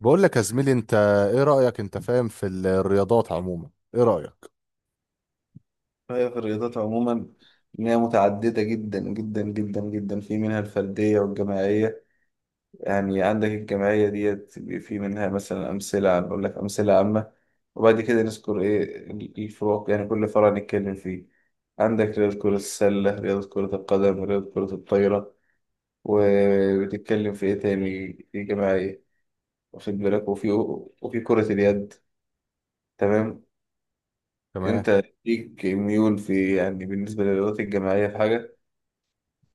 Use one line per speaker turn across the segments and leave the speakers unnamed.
بقول لك يا زميلي انت، ايه رأيك؟ انت فاهم في الرياضات عموما؟ ايه رأيك؟
هي في الرياضات عموما، إن هي متعددة جدا جدا جدا جدا، في منها الفردية والجماعية. يعني عندك الجماعية ديت، في منها مثلا أمثلة، أقول لك أمثلة عامة، وبعد كده نذكر إيه الفروق، يعني كل فرع نتكلم فيه. عندك رياضة كرة السلة، رياضة كرة القدم، رياضة كرة الطايرة. وبتتكلم في إيه تاني في جماعية؟ واخد بالك؟ وفي كرة اليد. تمام.
تمام.
أنت ليك ميول، في يعني بالنسبة للرياضات الجماعية في حاجة؟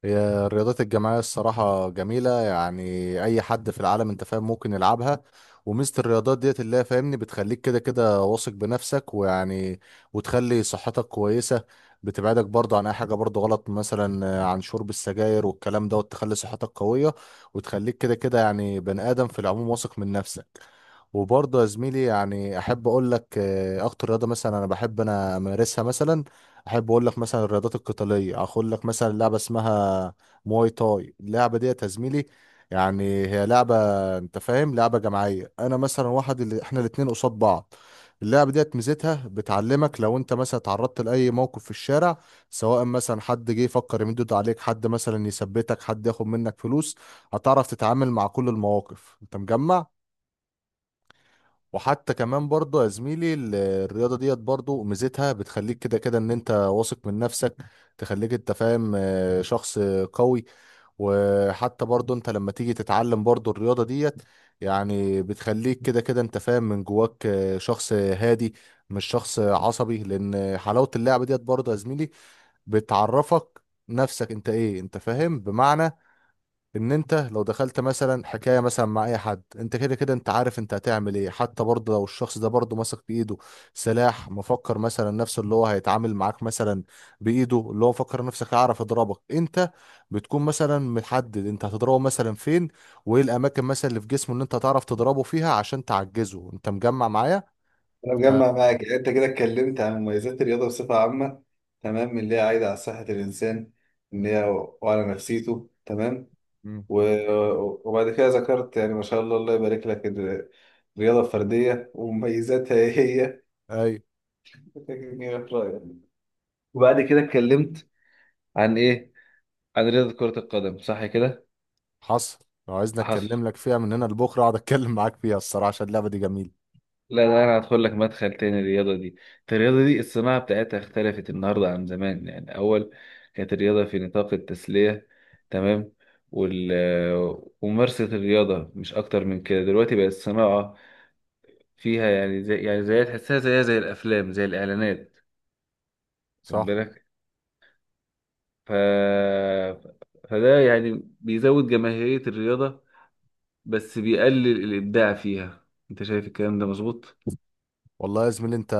هي الرياضات الجماعية الصراحة جميلة، يعني أي حد في العالم أنت فاهم ممكن يلعبها. وميزة الرياضات ديت اللي هي فاهمني بتخليك كده كده واثق بنفسك، ويعني وتخلي صحتك كويسة. بتبعدك برضه عن أي حاجة برضه غلط، مثلا عن شرب السجاير والكلام ده، وتخلي صحتك قوية، وتخليك كده كده يعني بني آدم في العموم واثق من نفسك. وبرضه يا زميلي، يعني أحب أقول لك أكتر رياضة مثلا أنا بحب أنا أمارسها. مثلا احب اقول لك مثلا الرياضات القتاليه، اقول لك مثلا لعبه اسمها مواي تاي. اللعبه دي يا زميلي، يعني هي لعبه، انت فاهم لعبه جماعيه، انا مثلا واحد اللي احنا الاتنين قصاد بعض. اللعبه ديت ميزتها بتعلمك لو انت مثلا اتعرضت لاي موقف في الشارع، سواء مثلا حد جه يفكر يمد ايده عليك، حد مثلا يثبتك، حد ياخد منك فلوس، هتعرف تتعامل مع كل المواقف. انت مجمع؟ وحتى كمان برضه يا زميلي، الرياضة ديت برضه ميزتها بتخليك كده كده ان انت واثق من نفسك، تخليك انت فاهم شخص قوي. وحتى برضه انت لما تيجي تتعلم برضه الرياضة ديت، يعني بتخليك كده كده انت فاهم من جواك شخص هادي مش شخص عصبي. لان حلاوة اللعبة ديت برضه يا زميلي بتعرفك نفسك انت ايه، انت فاهم؟ بمعنى ان انت لو دخلت مثلا حكايه مثلا مع اي حد، انت كده كده انت عارف انت هتعمل ايه. حتى برضه لو الشخص ده برضه ماسك بايده سلاح، مفكر مثلا نفسه اللي هو هيتعامل معاك مثلا بايده، اللي هو فكر نفسك هيعرف يضربك انت، بتكون مثلا محدد انت هتضربه مثلا فين، وايه الاماكن مثلا اللي في جسمه ان انت هتعرف تضربه فيها عشان تعجزه. انت مجمع معايا؟
انا مجمع معاك. يعني انت كده اتكلمت عن مميزات الرياضه بصفه عامه، تمام، من اللي هي عايده على صحه الانسان، ان هي، وعلى نفسيته. تمام.
مم.
و- وبعد كده ذكرت، يعني ما شاء الله، الله يبارك لك، الرياضه الفرديه ومميزاتها ايه هي.
اي،
إيه رأيك؟ وبعد كده اتكلمت عن ايه؟ عن رياضه كره القدم، صح كده؟
حصل. لو عايزني
حصل.
اتكلم لك فيها من هنا لبكره اقعد اتكلم معاك فيها، الصراحه عشان اللعبه دي جميله.
لا، ده انا هدخل لك مدخل تاني. الرياضه دي، الرياضه دي الصناعه بتاعتها اختلفت النهارده عن زمان. يعني اول كانت الرياضه في نطاق التسليه، تمام، وال وممارسه الرياضه مش اكتر من كده، دلوقتي بقت الصناعه فيها، يعني زي تحسها، زيها زي الافلام زي الاعلانات. خد
صح،
بالك. ف فده يعني بيزود جماهيريه الرياضه، بس بيقلل الابداع فيها. انت شايف الكلام ده مظبوط؟
والله يا زميلي انت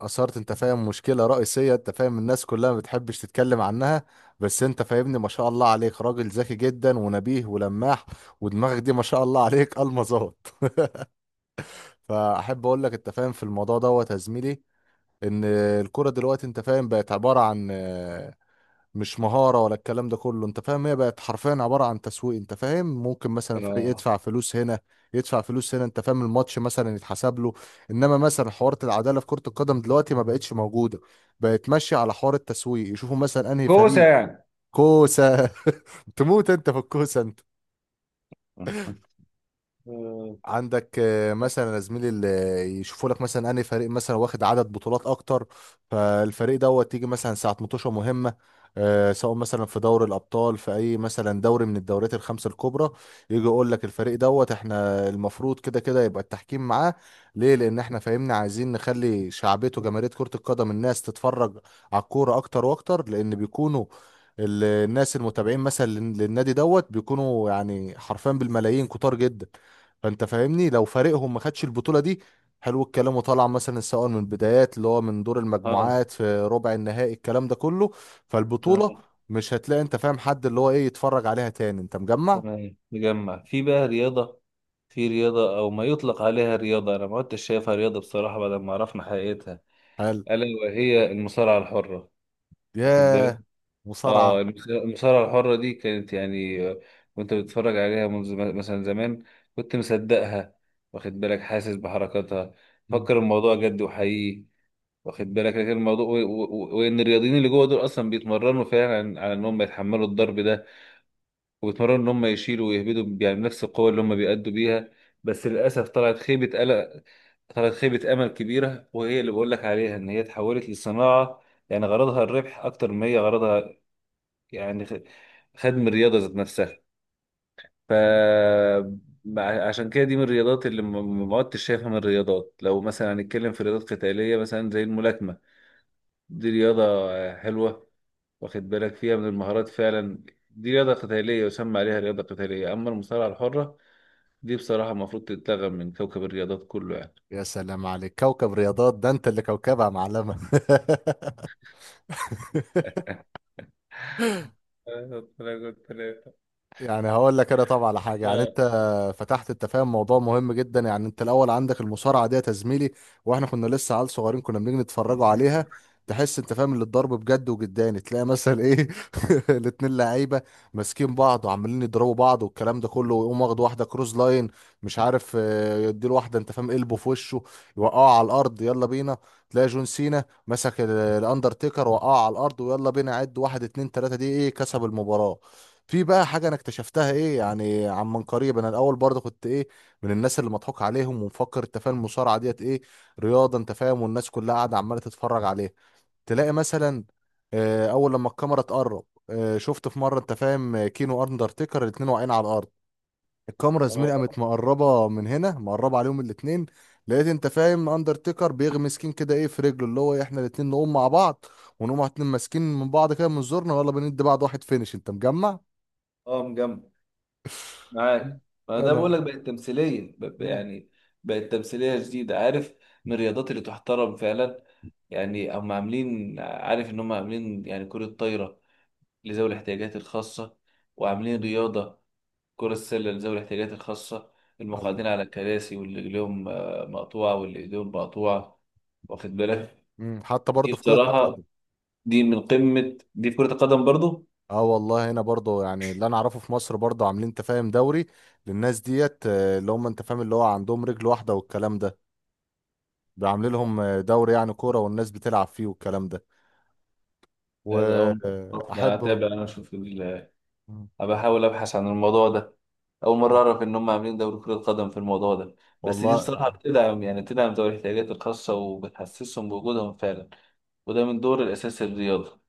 اثرت انت فاهم مشكله رئيسيه انت فاهم الناس كلها ما بتحبش تتكلم عنها. بس انت فاهمني، ما شاء الله عليك راجل ذكي جدا ونبيه ولماح، ودماغك دي ما شاء الله عليك المظات. فاحب اقول لك انت فاهم في الموضوع دوت يا زميلي، ان الكوره دلوقتي انت فاهم بقت عباره عن، مش مهارة ولا الكلام ده كله، انت فاهم هي بقت حرفيا عبارة عن تسويق. انت فاهم ممكن مثلا فريق
اه.
يدفع فلوس هنا، يدفع فلوس هنا، انت فاهم الماتش مثلا يتحسب له. انما مثلا حوارة العدالة في كرة القدم دلوقتي ما بقتش موجودة، بقت ماشية على حوار التسويق، يشوفوا مثلا انهي
كوسه
فريق.
يعني.
كوسة. تموت انت في الكوسة.
آه.
عندك مثلا يا زميلي اللي يشوفوا لك مثلا انهي فريق مثلا واخد عدد بطولات اكتر، فالفريق دوت تيجي مثلا ساعه مطوشه مهمه، سواء مثلا في دوري الابطال، في اي مثلا دوري من الدوريات الخمسه الكبرى، يجي يقول لك الفريق دوت احنا المفروض كده كده يبقى التحكيم معاه. ليه؟ لان احنا فاهمنا عايزين نخلي شعبيته جماهيريه كره القدم، الناس تتفرج على الكوره اكتر واكتر، لان بيكونوا الناس المتابعين مثلا للنادي دوت بيكونوا يعني حرفيا بالملايين كتار جدا. فانت فاهمني لو فريقهم ما خدش البطوله دي، حلو الكلام، وطلع مثلا سواء من البدايات اللي هو من دور
اه.
المجموعات، في ربع النهائي، الكلام ده كله،
تمام.
فالبطوله مش هتلاقي انت فاهم حد اللي هو ايه يتفرج عليها تاني. انت مجمع؟
تمام، نجمع في بقى رياضة، في رياضة أو ما يطلق عليها رياضة، أنا ما كنتش شايفها رياضة بصراحة بعد ما عرفنا حقيقتها،
حلو.
ألا وهي المصارعة الحرة. واخد بالك؟
ياه.
اه،
مصارعه.
المصارعة الحرة دي كانت يعني، وأنت بتتفرج عليها منذ، مثلا زمان كنت مصدقها، واخد بالك، حاسس بحركاتها،
مم.
فكر الموضوع جد وحقيقي. واخد بالك، لكن الموضوع وإن الرياضيين اللي جوه دول أصلا بيتمرنوا فعلا على إنهم يتحملوا الضرب ده، وبيتمرنوا ان هم يشيلوا ويهبدوا يعني بنفس القوه اللي هم بيأدوا بيها. بس للاسف طلعت خيبه قلق، طلعت خيبه امل كبيره، وهي اللي بقول لك عليها ان هي اتحولت لصناعه، يعني غرضها الربح اكتر ما هي غرضها، يعني خدم الرياضه ذات نفسها. ف عشان كده دي من الرياضات اللي ما عدتش شايفها من الرياضات. لو مثلا هنتكلم في رياضات قتاليه، مثلا زي الملاكمه، دي رياضه حلوه، واخد بالك فيها من المهارات فعلا، دي رياضة قتالية يسمى عليها رياضة قتالية. أما المصارعة الحرة دي، بصراحة المفروض تتلغى من كوكب الرياضات كله يعني.
يا سلام عليك، كوكب رياضات ده انت اللي كوكبها معلمه.
ثلاثة ثلاثة ثلاثة.
يعني هقول لك انا طبعا على حاجه، يعني
آه.
انت فتحت انت فاهم موضوع مهم جدا. يعني انت الاول عندك المصارعه ديت يا زميلي، واحنا كنا لسه عيال صغيرين كنا بنيجي نتفرجوا عليها، تحس انت فاهم اللي الضرب بجد وجداني، تلاقي مثلا ايه، الاتنين لعيبه ماسكين بعض وعمالين يضربوا بعض والكلام ده كله، ويقوم واخد واحده كروز لاين، مش عارف يديله واحده انت فاهم قلبه في وشه، يوقعه على الارض، يلا بينا. تلاقي جون سينا مسك الاندرتيكر، وقعه على الارض ويلا بينا عد واحد اتنين تلاته، دي ايه؟ كسب المباراه. في بقى حاجة أنا اكتشفتها إيه يعني عن من قريب، أنا الأول برضه كنت إيه، من الناس اللي مضحوك عليهم ومفكر أنت فاهم المصارعة ديت إيه رياضة، أنت فاهم والناس كلها قاعدة عمالة تتفرج عليها. تلاقي مثلا أول لما الكاميرا تقرب، شفت في مرة أنت فاهم كينو أندرتيكر الاتنين واقعين على الأرض، الكاميرا زميلي قامت
اه.
مقربة من هنا، مقربة عليهم الاتنين، لقيت أنت فاهم أندرتيكر بيغمس كين كده إيه في رجله، اللي هو إيه، إحنا الاتنين نقوم مع بعض، ونقوم إحنا الاتنين ماسكين من بعض كده من زورنا، ويلا بندي بعض واحد فينش. أنت مجمع؟
اه مجمع معاك. ما ده بقول
انا.
لك بقت تمثيليه
مم.
يعني بقت تمثيليه جديده، عارف، من الرياضات اللي تحترم فعلا. يعني هم عاملين، عارف، ان هم عاملين يعني كره طايره لذوي الاحتياجات الخاصه، وعاملين رياضه كره السله لذوي الاحتياجات الخاصه، المقعدين
ال-
على الكراسي واللي رجليهم مقطوعه واللي ايديهم مقطوعه، واخد بالك.
حتى
دي
برضه في كرة
بصراحه،
القدم.
دي من قمة، دي في كرة القدم برضو.
اه والله، هنا برضه يعني اللي انا اعرفه في مصر برضه عاملين انت فاهم دوري للناس ديت، اللي هم انت فاهم اللي هو عندهم رجل واحدة والكلام ده، عاملين لهم دوري يعني كورة، والناس بتلعب فيه والكلام ده.
لا، ده أول مرة أعرف. أنا
واحب.
هتابع، أنا أشوف بحاول أبحث عن الموضوع ده. أول مرة أعرف إن هم عاملين دوري كرة قدم في الموضوع ده. بس دي
والله
بصراحة بتدعم ذوي الاحتياجات الخاصة، وبتحسسهم بوجودهم فعلا، وده من دور الأساسي للرياضة.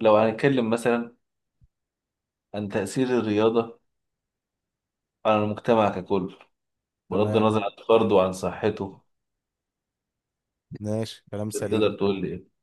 لو هنتكلم مثلا عن تأثير الرياضة على المجتمع ككل، بغض
تمام،
النظر عن فرده وعن صحته،
ماشي، كلام سليم.
تقدر تقول لي إيه؟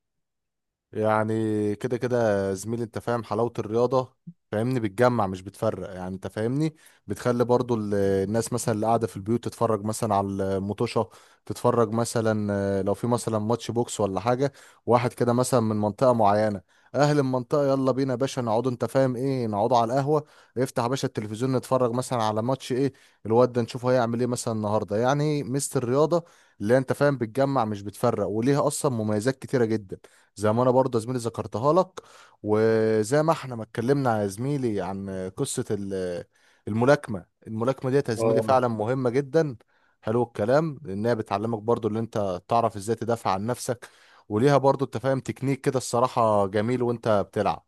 يعني كده كده يا زميلي انت فاهم حلاوة الرياضة فاهمني بتجمع مش بتفرق. يعني انت فاهمني بتخلي برضو الناس مثلا اللي قاعدة في البيوت تتفرج مثلا على المطوشة، تتفرج مثلا لو في مثلا ماتش بوكس ولا حاجة، واحد كده مثلا من منطقة معينة، اهل المنطقة يلا بينا يا باشا نقعدوا انت فاهم ايه نقعدوا على القهوة، افتح يا باشا التلفزيون نتفرج مثلا على ماتش ايه، الواد ده نشوفه هيعمل ايه مثلا النهاردة. يعني ميزة الرياضة اللي هي انت فاهم بتجمع مش بتفرق، وليها اصلا مميزات كتيرة جدا، زي ما انا برضه يا زميلي ذكرتها لك. وزي ما احنا ما اتكلمنا يا زميلي عن قصة الملاكمة، الملاكمة ديت يا زميلي
اه.
فعلا مهمة جدا، حلو الكلام، لانها بتعلمك برضه اللي انت تعرف ازاي تدافع عن نفسك، وليها برضه انت فاهم تكنيك كده الصراحة جميل وانت بتلعب.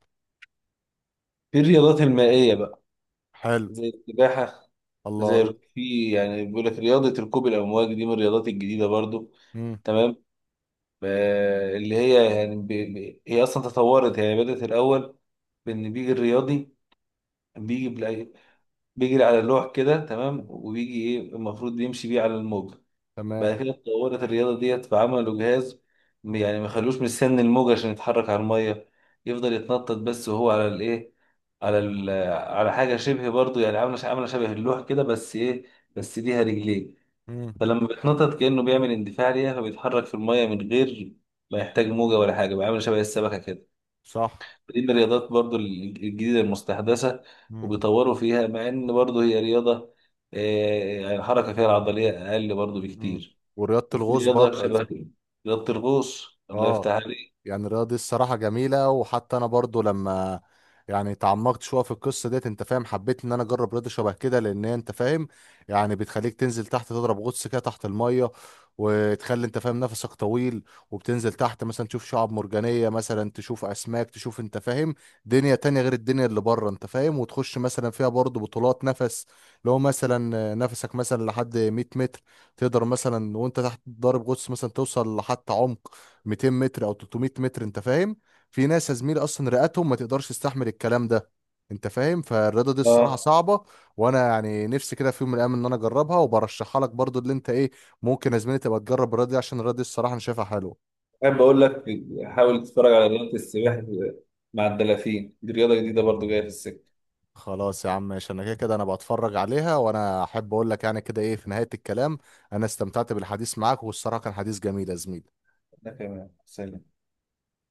في الرياضات المائية بقى،
حلو.
زي السباحة،
الله.
زي في يعني بيقول لك رياضة ركوب الأمواج، دي من الرياضات الجديدة برضو.
امم.
تمام. اللي هي يعني، هي أصلا تطورت، يعني بدأت الأول بإن بيجي الرياضي، بيجي بيجري على اللوح كده، تمام، وبيجي إيه المفروض يمشي بيه على الموج.
تمام.
بعد كده اتطورت الرياضة ديت فعملوا جهاز، يعني ما خلوش مستني الموج عشان يتحرك على المية، يفضل يتنطط بس وهو على الإيه، على على حاجة شبه، برضو يعني عاملة عاملة شبه اللوح كده، بس إيه، بس ليها رجلين.
امم.
فلما بيتنطط كأنه بيعمل اندفاع ليها فبيتحرك في المية من غير ما يحتاج موجة ولا حاجة، بيعمل شبه السمكة كده.
صح.
دي من الرياضات برضو الجديدة المستحدثة،
امم.
وبيطوروا فيها مع إن برضو هي رياضة، آه، يعني الحركة فيها العضلية أقل برضو بكتير.
والرياضة
وفي
الغوص
رياضة
برضه يا زميلي،
شبه، رياضة الغوص، الله
اه
يفتح عليك.
يعني الرياضة دي الصراحة جميلة. وحتى أنا برضو لما يعني تعمقت شوية في القصة ديت أنت فاهم حبيت إن أنا أجرب رياضة شبه كده، لأن هي أنت فاهم يعني بتخليك تنزل تحت تضرب غطس كده تحت المية، وتخلي أنت فاهم نفسك طويل، وبتنزل تحت مثلا تشوف شعاب مرجانية مثلا، تشوف أسماك، تشوف أنت فاهم دنيا تانية غير الدنيا اللي بره، أنت فاهم وتخش مثلا فيها برضو بطولات نفس. لو مثلا نفسك مثلا لحد 100 متر، تقدر مثلا وأنت تحت ضارب غطس مثلا توصل لحتى عمق 200 متر او 300 متر. انت فاهم في ناس يا زميلي اصلا رئتهم ما تقدرش تستحمل الكلام ده. انت فاهم فالرياضه دي الصراحه
اه.
صعبه. وانا يعني نفسي كده في يوم من الايام ان انا اجربها، وبرشحها لك برضو اللي انت ايه، ممكن يا زميلي تبقى تجرب الرياضه دي، عشان الرياضه دي الصراحه انا شايفها حلوه.
أحب أقول لك، حاول تتفرج على رياضة السباحة مع الدلافين، دي رياضة جديدة برضو جاية في السكة.
خلاص يا عم ماشي، انا كده كده انا بتفرج عليها. وانا احب اقول لك يعني كده ايه في نهايه الكلام، انا استمتعت بالحديث معاك، والصراحه كان حديث جميل يا زميلي.
ده كمان سلام.